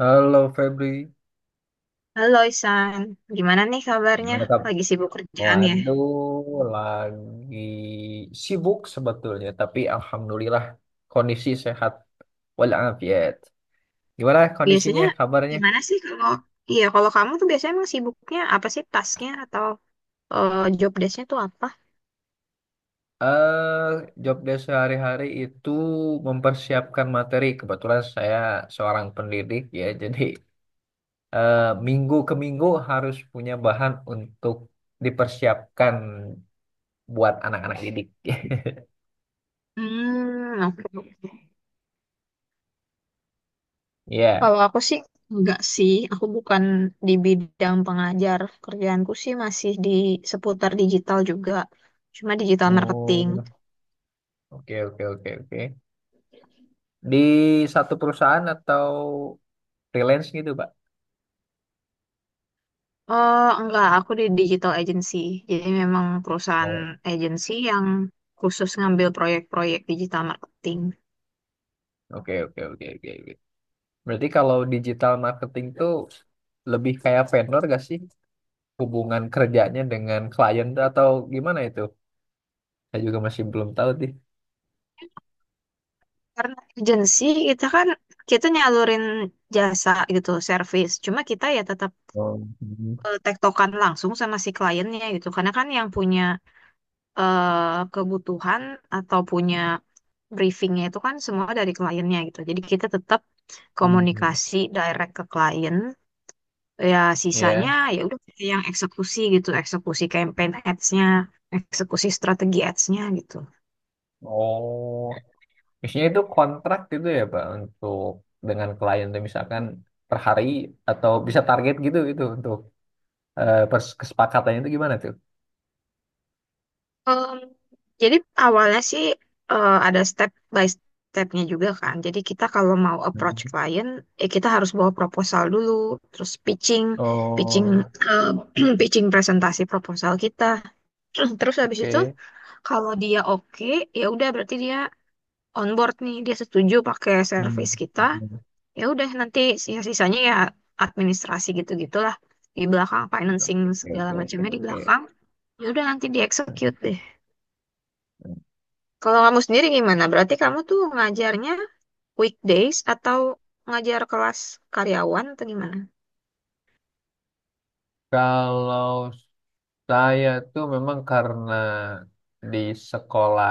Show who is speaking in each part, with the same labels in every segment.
Speaker 1: Halo Febri,
Speaker 2: Halo Isan, gimana nih kabarnya?
Speaker 1: gimana kamu?
Speaker 2: Lagi sibuk kerjaan ya?
Speaker 1: Waduh, lagi sibuk sebetulnya, tapi alhamdulillah kondisi sehat walafiat. Gimana
Speaker 2: Biasanya
Speaker 1: kondisinya, kabarnya?
Speaker 2: gimana sih kalau iya kalau kamu tuh biasanya emang sibuknya apa sih tasknya atau job desknya tuh apa?
Speaker 1: Eh, Job desk sehari-hari itu mempersiapkan materi. Kebetulan saya seorang pendidik ya, jadi eh, minggu ke minggu harus punya bahan untuk dipersiapkan buat anak-anak didik.
Speaker 2: Hmm, oke.
Speaker 1: Ya.
Speaker 2: Kalau aku sih enggak sih, aku bukan di bidang pengajar. Kerjaanku sih masih di seputar digital juga, cuma digital marketing.
Speaker 1: Oh, oke, oke, oke, oke. Di satu perusahaan atau freelance gitu, Pak?
Speaker 2: Oh, enggak, aku di digital agency. Jadi memang perusahaan
Speaker 1: Oh.
Speaker 2: agency yang khusus ngambil proyek-proyek digital marketing.
Speaker 1: Oke, oke, oke, oke, oke. Berarti kalau digital marketing tuh lebih kayak vendor gak sih? Hubungan kerjanya dengan klien atau gimana itu? Saya juga masih belum tahu sih.
Speaker 2: Karena agency kita kan kita nyalurin jasa gitu, service. Cuma kita ya tetap
Speaker 1: Oh, hmm,
Speaker 2: tektokan langsung sama si kliennya gitu. Karena kan yang punya kebutuhan atau punya briefingnya itu kan semua dari kliennya gitu. Jadi kita tetap
Speaker 1: hmm.
Speaker 2: komunikasi direct ke klien, ya sisanya
Speaker 1: Ya.
Speaker 2: ya udah kita yang eksekusi gitu, eksekusi campaign ads-nya, eksekusi strategi ads-nya gitu.
Speaker 1: Oh, misalnya itu kontrak gitu ya, Pak, untuk dengan klien tuh misalkan per hari atau bisa target gitu itu untuk kesepakatannya itu gimana tuh?
Speaker 2: Em, jadi awalnya sih ada step by stepnya juga kan, jadi kita kalau mau approach
Speaker 1: Hmm.
Speaker 2: klien, kita harus bawa proposal dulu, terus pitching, pitching
Speaker 1: Oh,
Speaker 2: eh, pitching presentasi proposal kita terus habis itu
Speaker 1: oke.
Speaker 2: kalau dia oke, ya udah berarti dia onboard nih, dia setuju pakai
Speaker 1: Hmm.
Speaker 2: service kita, ya udah nanti sisa-sisanya ya administrasi gitu-gitulah, di belakang
Speaker 1: Oke,
Speaker 2: financing segala
Speaker 1: oke, oke,
Speaker 2: macamnya di
Speaker 1: oke.
Speaker 2: belakang, ya udah nanti di execute deh. Kalau kamu sendiri gimana, berarti kamu tuh ngajarnya weekdays atau ngajar kelas karyawan atau gimana.
Speaker 1: Kalau saya tuh memang karena di sekolah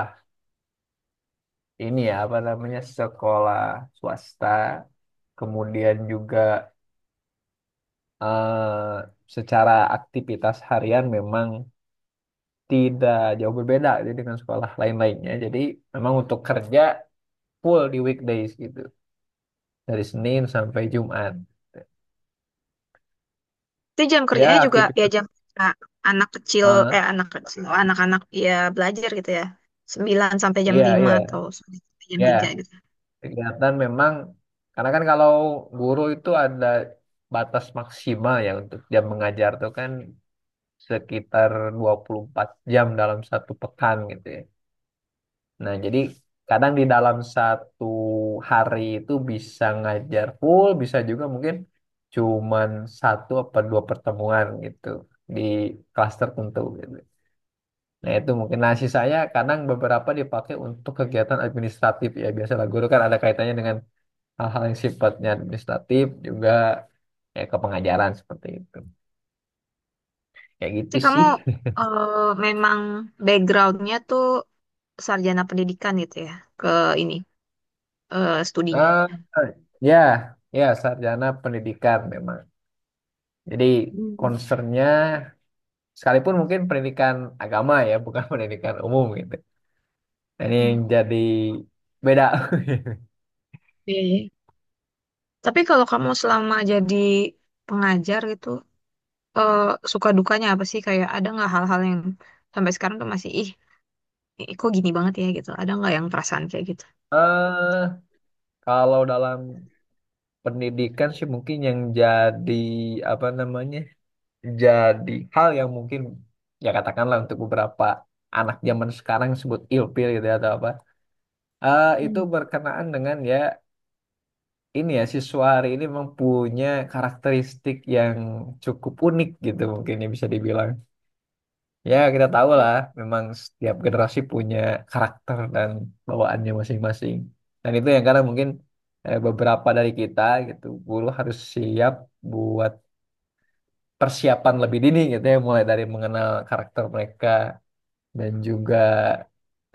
Speaker 1: ini ya, apa namanya, sekolah swasta, kemudian juga eh, secara aktivitas harian memang tidak jauh berbeda jadi dengan sekolah lain-lainnya. Jadi memang untuk kerja full di weekdays gitu, dari Senin sampai Jumat.
Speaker 2: Itu jam kerjanya
Speaker 1: Ya
Speaker 2: juga ya,
Speaker 1: aktivitas,
Speaker 2: jam kerja anak kecil,
Speaker 1: eh,
Speaker 2: anak-anak ya belajar gitu ya, sembilan sampai jam
Speaker 1: iya,
Speaker 2: lima
Speaker 1: iya,
Speaker 2: atau sampai jam
Speaker 1: ya.
Speaker 2: tiga gitu.
Speaker 1: Kegiatan memang, karena kan kalau guru itu ada batas maksimal ya untuk jam mengajar tuh kan sekitar 24 jam dalam satu pekan gitu ya. Nah, jadi kadang di dalam satu hari itu bisa ngajar full, bisa juga mungkin cuman satu apa dua pertemuan gitu di kelas tertentu gitu. Nah, itu mungkin. Nasi saya kadang beberapa dipakai untuk kegiatan administratif ya. Biasalah guru kan ada kaitannya dengan hal-hal yang sifatnya administratif juga kayak ke pengajaran seperti itu kayak gitu
Speaker 2: Jadi kamu
Speaker 1: sih.
Speaker 2: memang backgroundnya tuh sarjana pendidikan gitu ya, ke ini studinya.
Speaker 1: Ah, ya, ya, sarjana pendidikan memang, jadi
Speaker 2: Hmm,
Speaker 1: concernnya sekalipun mungkin pendidikan agama ya, bukan pendidikan umum gitu. Nah, ini yang
Speaker 2: hmm.
Speaker 1: jadi beda.
Speaker 2: Iya, iya. Tapi kalau kamu selama jadi pengajar gitu, eh, suka dukanya apa sih? Kayak ada nggak hal-hal yang sampai sekarang tuh masih ih, ih, kok gini banget ya gitu. Ada nggak yang perasaan kayak gitu?
Speaker 1: eh Kalau dalam pendidikan sih mungkin yang jadi apa namanya, jadi hal yang mungkin ya katakanlah untuk beberapa anak zaman sekarang sebut ilfil gitu ya, atau apa, itu
Speaker 2: Hmm.
Speaker 1: berkenaan dengan ya ini ya, siswa hari ini memang punya karakteristik yang cukup unik gitu mungkin ya, bisa dibilang ya, kita tahu
Speaker 2: Hmm.
Speaker 1: lah memang setiap generasi punya karakter dan bawaannya masing-masing, dan itu yang karena mungkin beberapa dari kita gitu, guru harus siap buat persiapan lebih dini gitu ya, mulai dari mengenal karakter mereka dan juga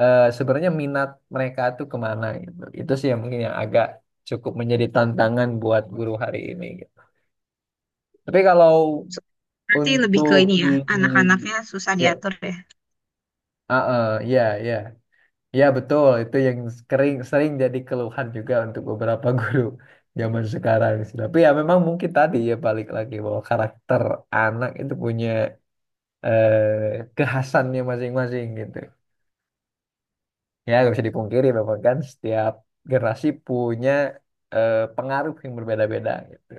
Speaker 1: sebenarnya minat mereka tuh kemana gitu. Itu sih yang mungkin yang agak cukup menjadi tantangan buat guru hari ini gitu. Tapi kalau
Speaker 2: So- Berarti lebih ke
Speaker 1: untuk
Speaker 2: ini ya, anak-anaknya susah
Speaker 1: ya,
Speaker 2: diatur ya.
Speaker 1: ah, ah, ya, ya, ya, betul. Itu yang sering sering jadi keluhan juga untuk beberapa guru zaman sekarang sih. Tapi ya memang mungkin tadi ya, balik lagi bahwa karakter anak itu punya kekhasannya masing-masing gitu. Ya, nggak bisa dipungkiri memang kan setiap generasi punya pengaruh yang berbeda-beda gitu.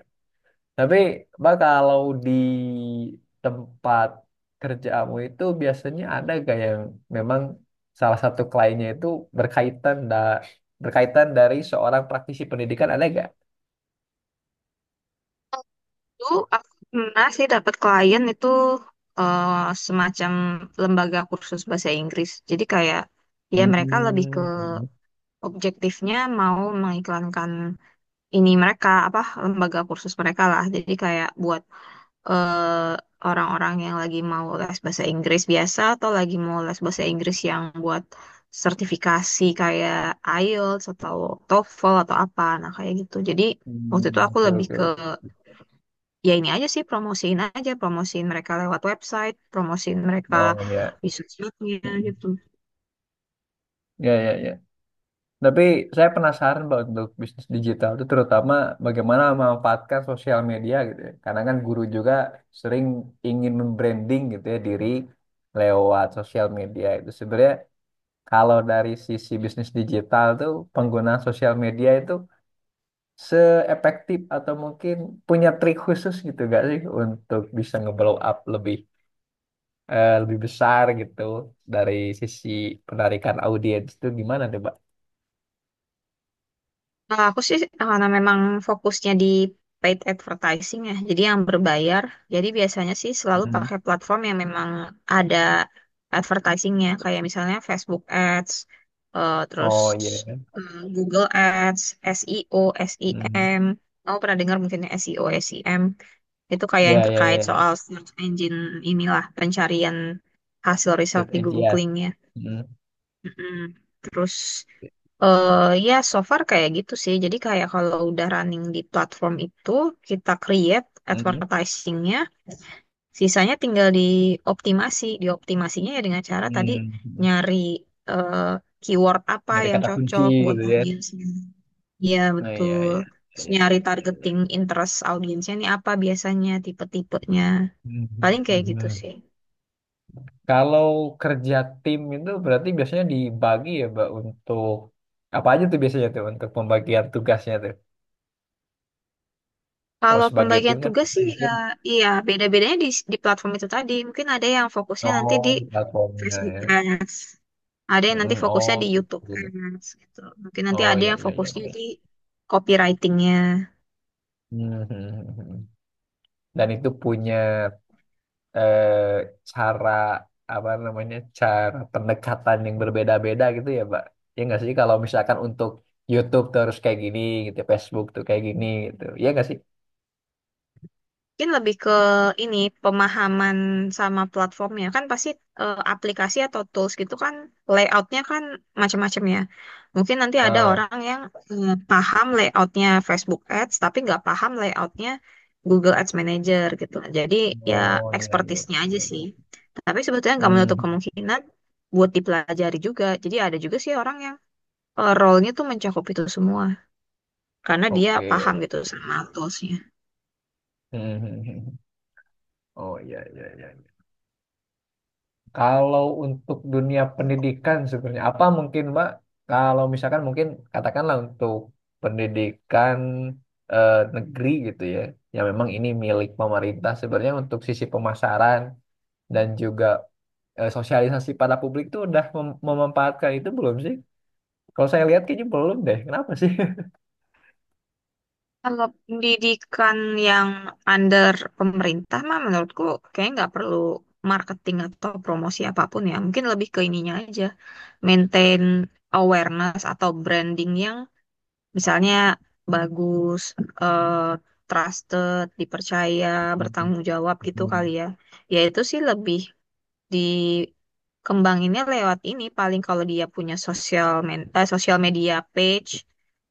Speaker 1: Tapi, Mbak, kalau di tempat kerjamu itu biasanya ada gak yang memang salah satu kliennya itu berkaitan da berkaitan dari seorang praktisi pendidikan, ada gak?
Speaker 2: Dulu aku pernah sih dapat klien itu, eh, semacam lembaga kursus bahasa Inggris. Jadi kayak ya mereka lebih ke
Speaker 1: Hmm.
Speaker 2: objektifnya mau mengiklankan ini, mereka apa lembaga kursus mereka lah, jadi kayak buat eh, orang-orang yang lagi mau les bahasa Inggris biasa atau lagi mau les bahasa Inggris yang buat sertifikasi kayak IELTS atau TOEFL atau apa, nah kayak gitu. Jadi
Speaker 1: Hmm,
Speaker 2: waktu itu aku
Speaker 1: oke,
Speaker 2: lebih
Speaker 1: oke,
Speaker 2: ke
Speaker 1: oke.
Speaker 2: ya ini aja sih, promosiin aja, promosiin mereka lewat website, promosiin mereka
Speaker 1: Oh, ya.
Speaker 2: di sosmednya gitu.
Speaker 1: Ya, ya, ya. Tapi saya penasaran Pak, untuk bisnis digital itu terutama bagaimana memanfaatkan sosial media gitu ya. Karena kan guru juga sering ingin membranding gitu ya diri lewat sosial media itu. Sebenarnya kalau dari sisi bisnis digital tuh penggunaan sosial media itu seefektif atau mungkin punya trik khusus gitu gak sih untuk bisa nge-blow up lebih besar gitu dari sisi penarikan audiens itu gimana deh Pak?
Speaker 2: Nah, aku sih karena memang fokusnya di paid advertising ya, jadi yang berbayar. Jadi biasanya sih selalu
Speaker 1: Hmm.
Speaker 2: pakai platform yang memang ada advertisingnya, kayak misalnya Facebook Ads, eh, terus
Speaker 1: Oh iya.
Speaker 2: Google Ads, SEO,
Speaker 1: Hmm.
Speaker 2: SEM. Kamu pernah dengar mungkin ya SEO, SEM? Itu kayak yang
Speaker 1: Ya, ya,
Speaker 2: terkait
Speaker 1: ya, ya.
Speaker 2: soal search engine inilah, pencarian hasil result
Speaker 1: Third
Speaker 2: di
Speaker 1: edge, ya.
Speaker 2: Googling ya.
Speaker 1: Hmm.
Speaker 2: Mm-mm. Terus ya, so far kayak gitu sih. Jadi kayak kalau udah running di platform itu, kita create
Speaker 1: Hmm.
Speaker 2: advertisingnya, sisanya tinggal dioptimasi. Dioptimasinya ya dengan cara tadi,
Speaker 1: Hmm. Hmm.
Speaker 2: nyari eh, keyword apa
Speaker 1: Nyari
Speaker 2: yang
Speaker 1: kata kunci
Speaker 2: cocok buat
Speaker 1: gitu ya.
Speaker 2: audiensnya. Iya,
Speaker 1: Oh, iya,
Speaker 2: betul.
Speaker 1: iya. Iya,
Speaker 2: Terus
Speaker 1: iya,
Speaker 2: nyari
Speaker 1: iya, iya,
Speaker 2: targeting
Speaker 1: iya.
Speaker 2: interest audiensnya nih apa biasanya, tipe-tipenya.
Speaker 1: Hmm. Hmm.
Speaker 2: Paling kayak
Speaker 1: Hmm,
Speaker 2: gitu
Speaker 1: hmm.
Speaker 2: sih.
Speaker 1: Kalau kerja tim itu berarti biasanya dibagi ya, Mbak, untuk apa aja tuh biasanya tuh untuk pembagian tugasnya tuh. Kalau
Speaker 2: Kalau
Speaker 1: sebagai tim
Speaker 2: pembagian
Speaker 1: kan
Speaker 2: tugas sih ya,
Speaker 1: mungkin,
Speaker 2: iya beda-bedanya di platform itu tadi. Mungkin ada yang fokusnya nanti
Speaker 1: oh
Speaker 2: di
Speaker 1: di platformnya
Speaker 2: Facebook
Speaker 1: ya.
Speaker 2: Ads. Ada yang nanti
Speaker 1: Hmm,
Speaker 2: fokusnya
Speaker 1: oh
Speaker 2: di
Speaker 1: gitu,
Speaker 2: YouTube
Speaker 1: gitu.
Speaker 2: Ads gitu. Mungkin nanti
Speaker 1: Oh,
Speaker 2: ada
Speaker 1: ya,
Speaker 2: yang
Speaker 1: ya, ya,
Speaker 2: fokusnya
Speaker 1: baik.
Speaker 2: di copywritingnya.
Speaker 1: Hmm, hmm, hmm, hmm. Dan itu punya eh, cara, apa namanya, cara pendekatan yang berbeda-beda gitu ya Pak, ya nggak sih kalau misalkan untuk YouTube tuh harus kayak gini gitu, Facebook tuh kayak gini gitu, ya nggak sih?
Speaker 2: Mungkin lebih ke ini, pemahaman sama platformnya kan pasti aplikasi atau tools gitu kan, layoutnya kan macam-macam ya. Mungkin nanti ada
Speaker 1: Ah,
Speaker 2: orang yang paham layoutnya Facebook Ads tapi nggak paham layoutnya Google Ads Manager gitu. Jadi ya
Speaker 1: oh, iya, iya,
Speaker 2: expertise-nya aja
Speaker 1: iya, iya.
Speaker 2: sih. Tapi sebetulnya nggak menutup
Speaker 1: Hmm,
Speaker 2: kemungkinan buat dipelajari juga. Jadi ada juga sih orang yang role-nya tuh mencakup itu semua karena dia
Speaker 1: oke,
Speaker 2: paham
Speaker 1: oke.
Speaker 2: gitu sama tools-nya.
Speaker 1: Hmm, hmm, hmm, hmm. Oh, iya, iya, iya. Kalau untuk dunia pendidikan sebenarnya apa mungkin Mbak? Kalau misalkan mungkin katakanlah untuk pendidikan negeri gitu ya, yang memang ini milik pemerintah, sebenarnya untuk sisi pemasaran dan juga sosialisasi pada publik itu udah memanfaatkan itu belum sih? Kalau saya lihat kayaknya belum deh. Kenapa sih?
Speaker 2: Kalau pendidikan yang under pemerintah mah menurutku kayaknya nggak perlu marketing atau promosi apapun ya. Mungkin lebih ke ininya aja, maintain awareness atau branding yang misalnya bagus, eh, trusted, dipercaya, bertanggung jawab gitu kali ya. Ya itu sih lebih dikembanginnya lewat ini, paling kalau dia punya sosial media page,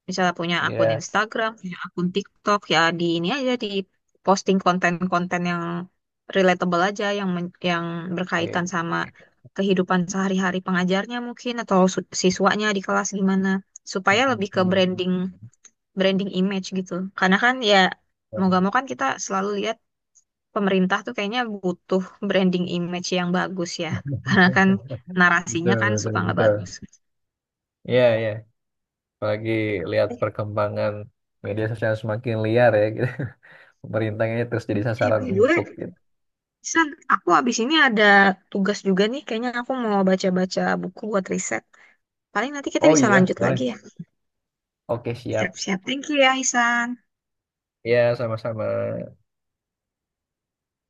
Speaker 2: misalnya punya akun
Speaker 1: Iya.
Speaker 2: Instagram, punya akun TikTok, ya di ini aja, di posting konten-konten yang relatable aja, yang yang berkaitan
Speaker 1: Oke.
Speaker 2: sama kehidupan sehari-hari pengajarnya mungkin, atau siswanya di kelas gimana, supaya lebih ke branding, branding image gitu, karena kan ya mau gak mau kan kita selalu lihat pemerintah tuh kayaknya butuh branding image yang bagus ya. Karena kan narasinya
Speaker 1: Betul,
Speaker 2: kan
Speaker 1: betul,
Speaker 2: suka nggak
Speaker 1: betul.
Speaker 2: bagus.
Speaker 1: Iya, iya. Apalagi lihat
Speaker 2: Eh,
Speaker 1: perkembangan media sosial semakin liar ya gitu. Pemerintahnya terus jadi
Speaker 2: By
Speaker 1: sasaran
Speaker 2: the
Speaker 1: empuk
Speaker 2: way,
Speaker 1: gitu.
Speaker 2: San, aku abis ini ada tugas juga nih. Kayaknya aku mau baca-baca buku buat riset. Paling nanti kita
Speaker 1: Oh
Speaker 2: bisa
Speaker 1: iya,
Speaker 2: lanjut
Speaker 1: boleh.
Speaker 2: lagi ya.
Speaker 1: Oke, siap.
Speaker 2: Siap-siap. Thank you ya, Hisan.
Speaker 1: Ya, sama-sama.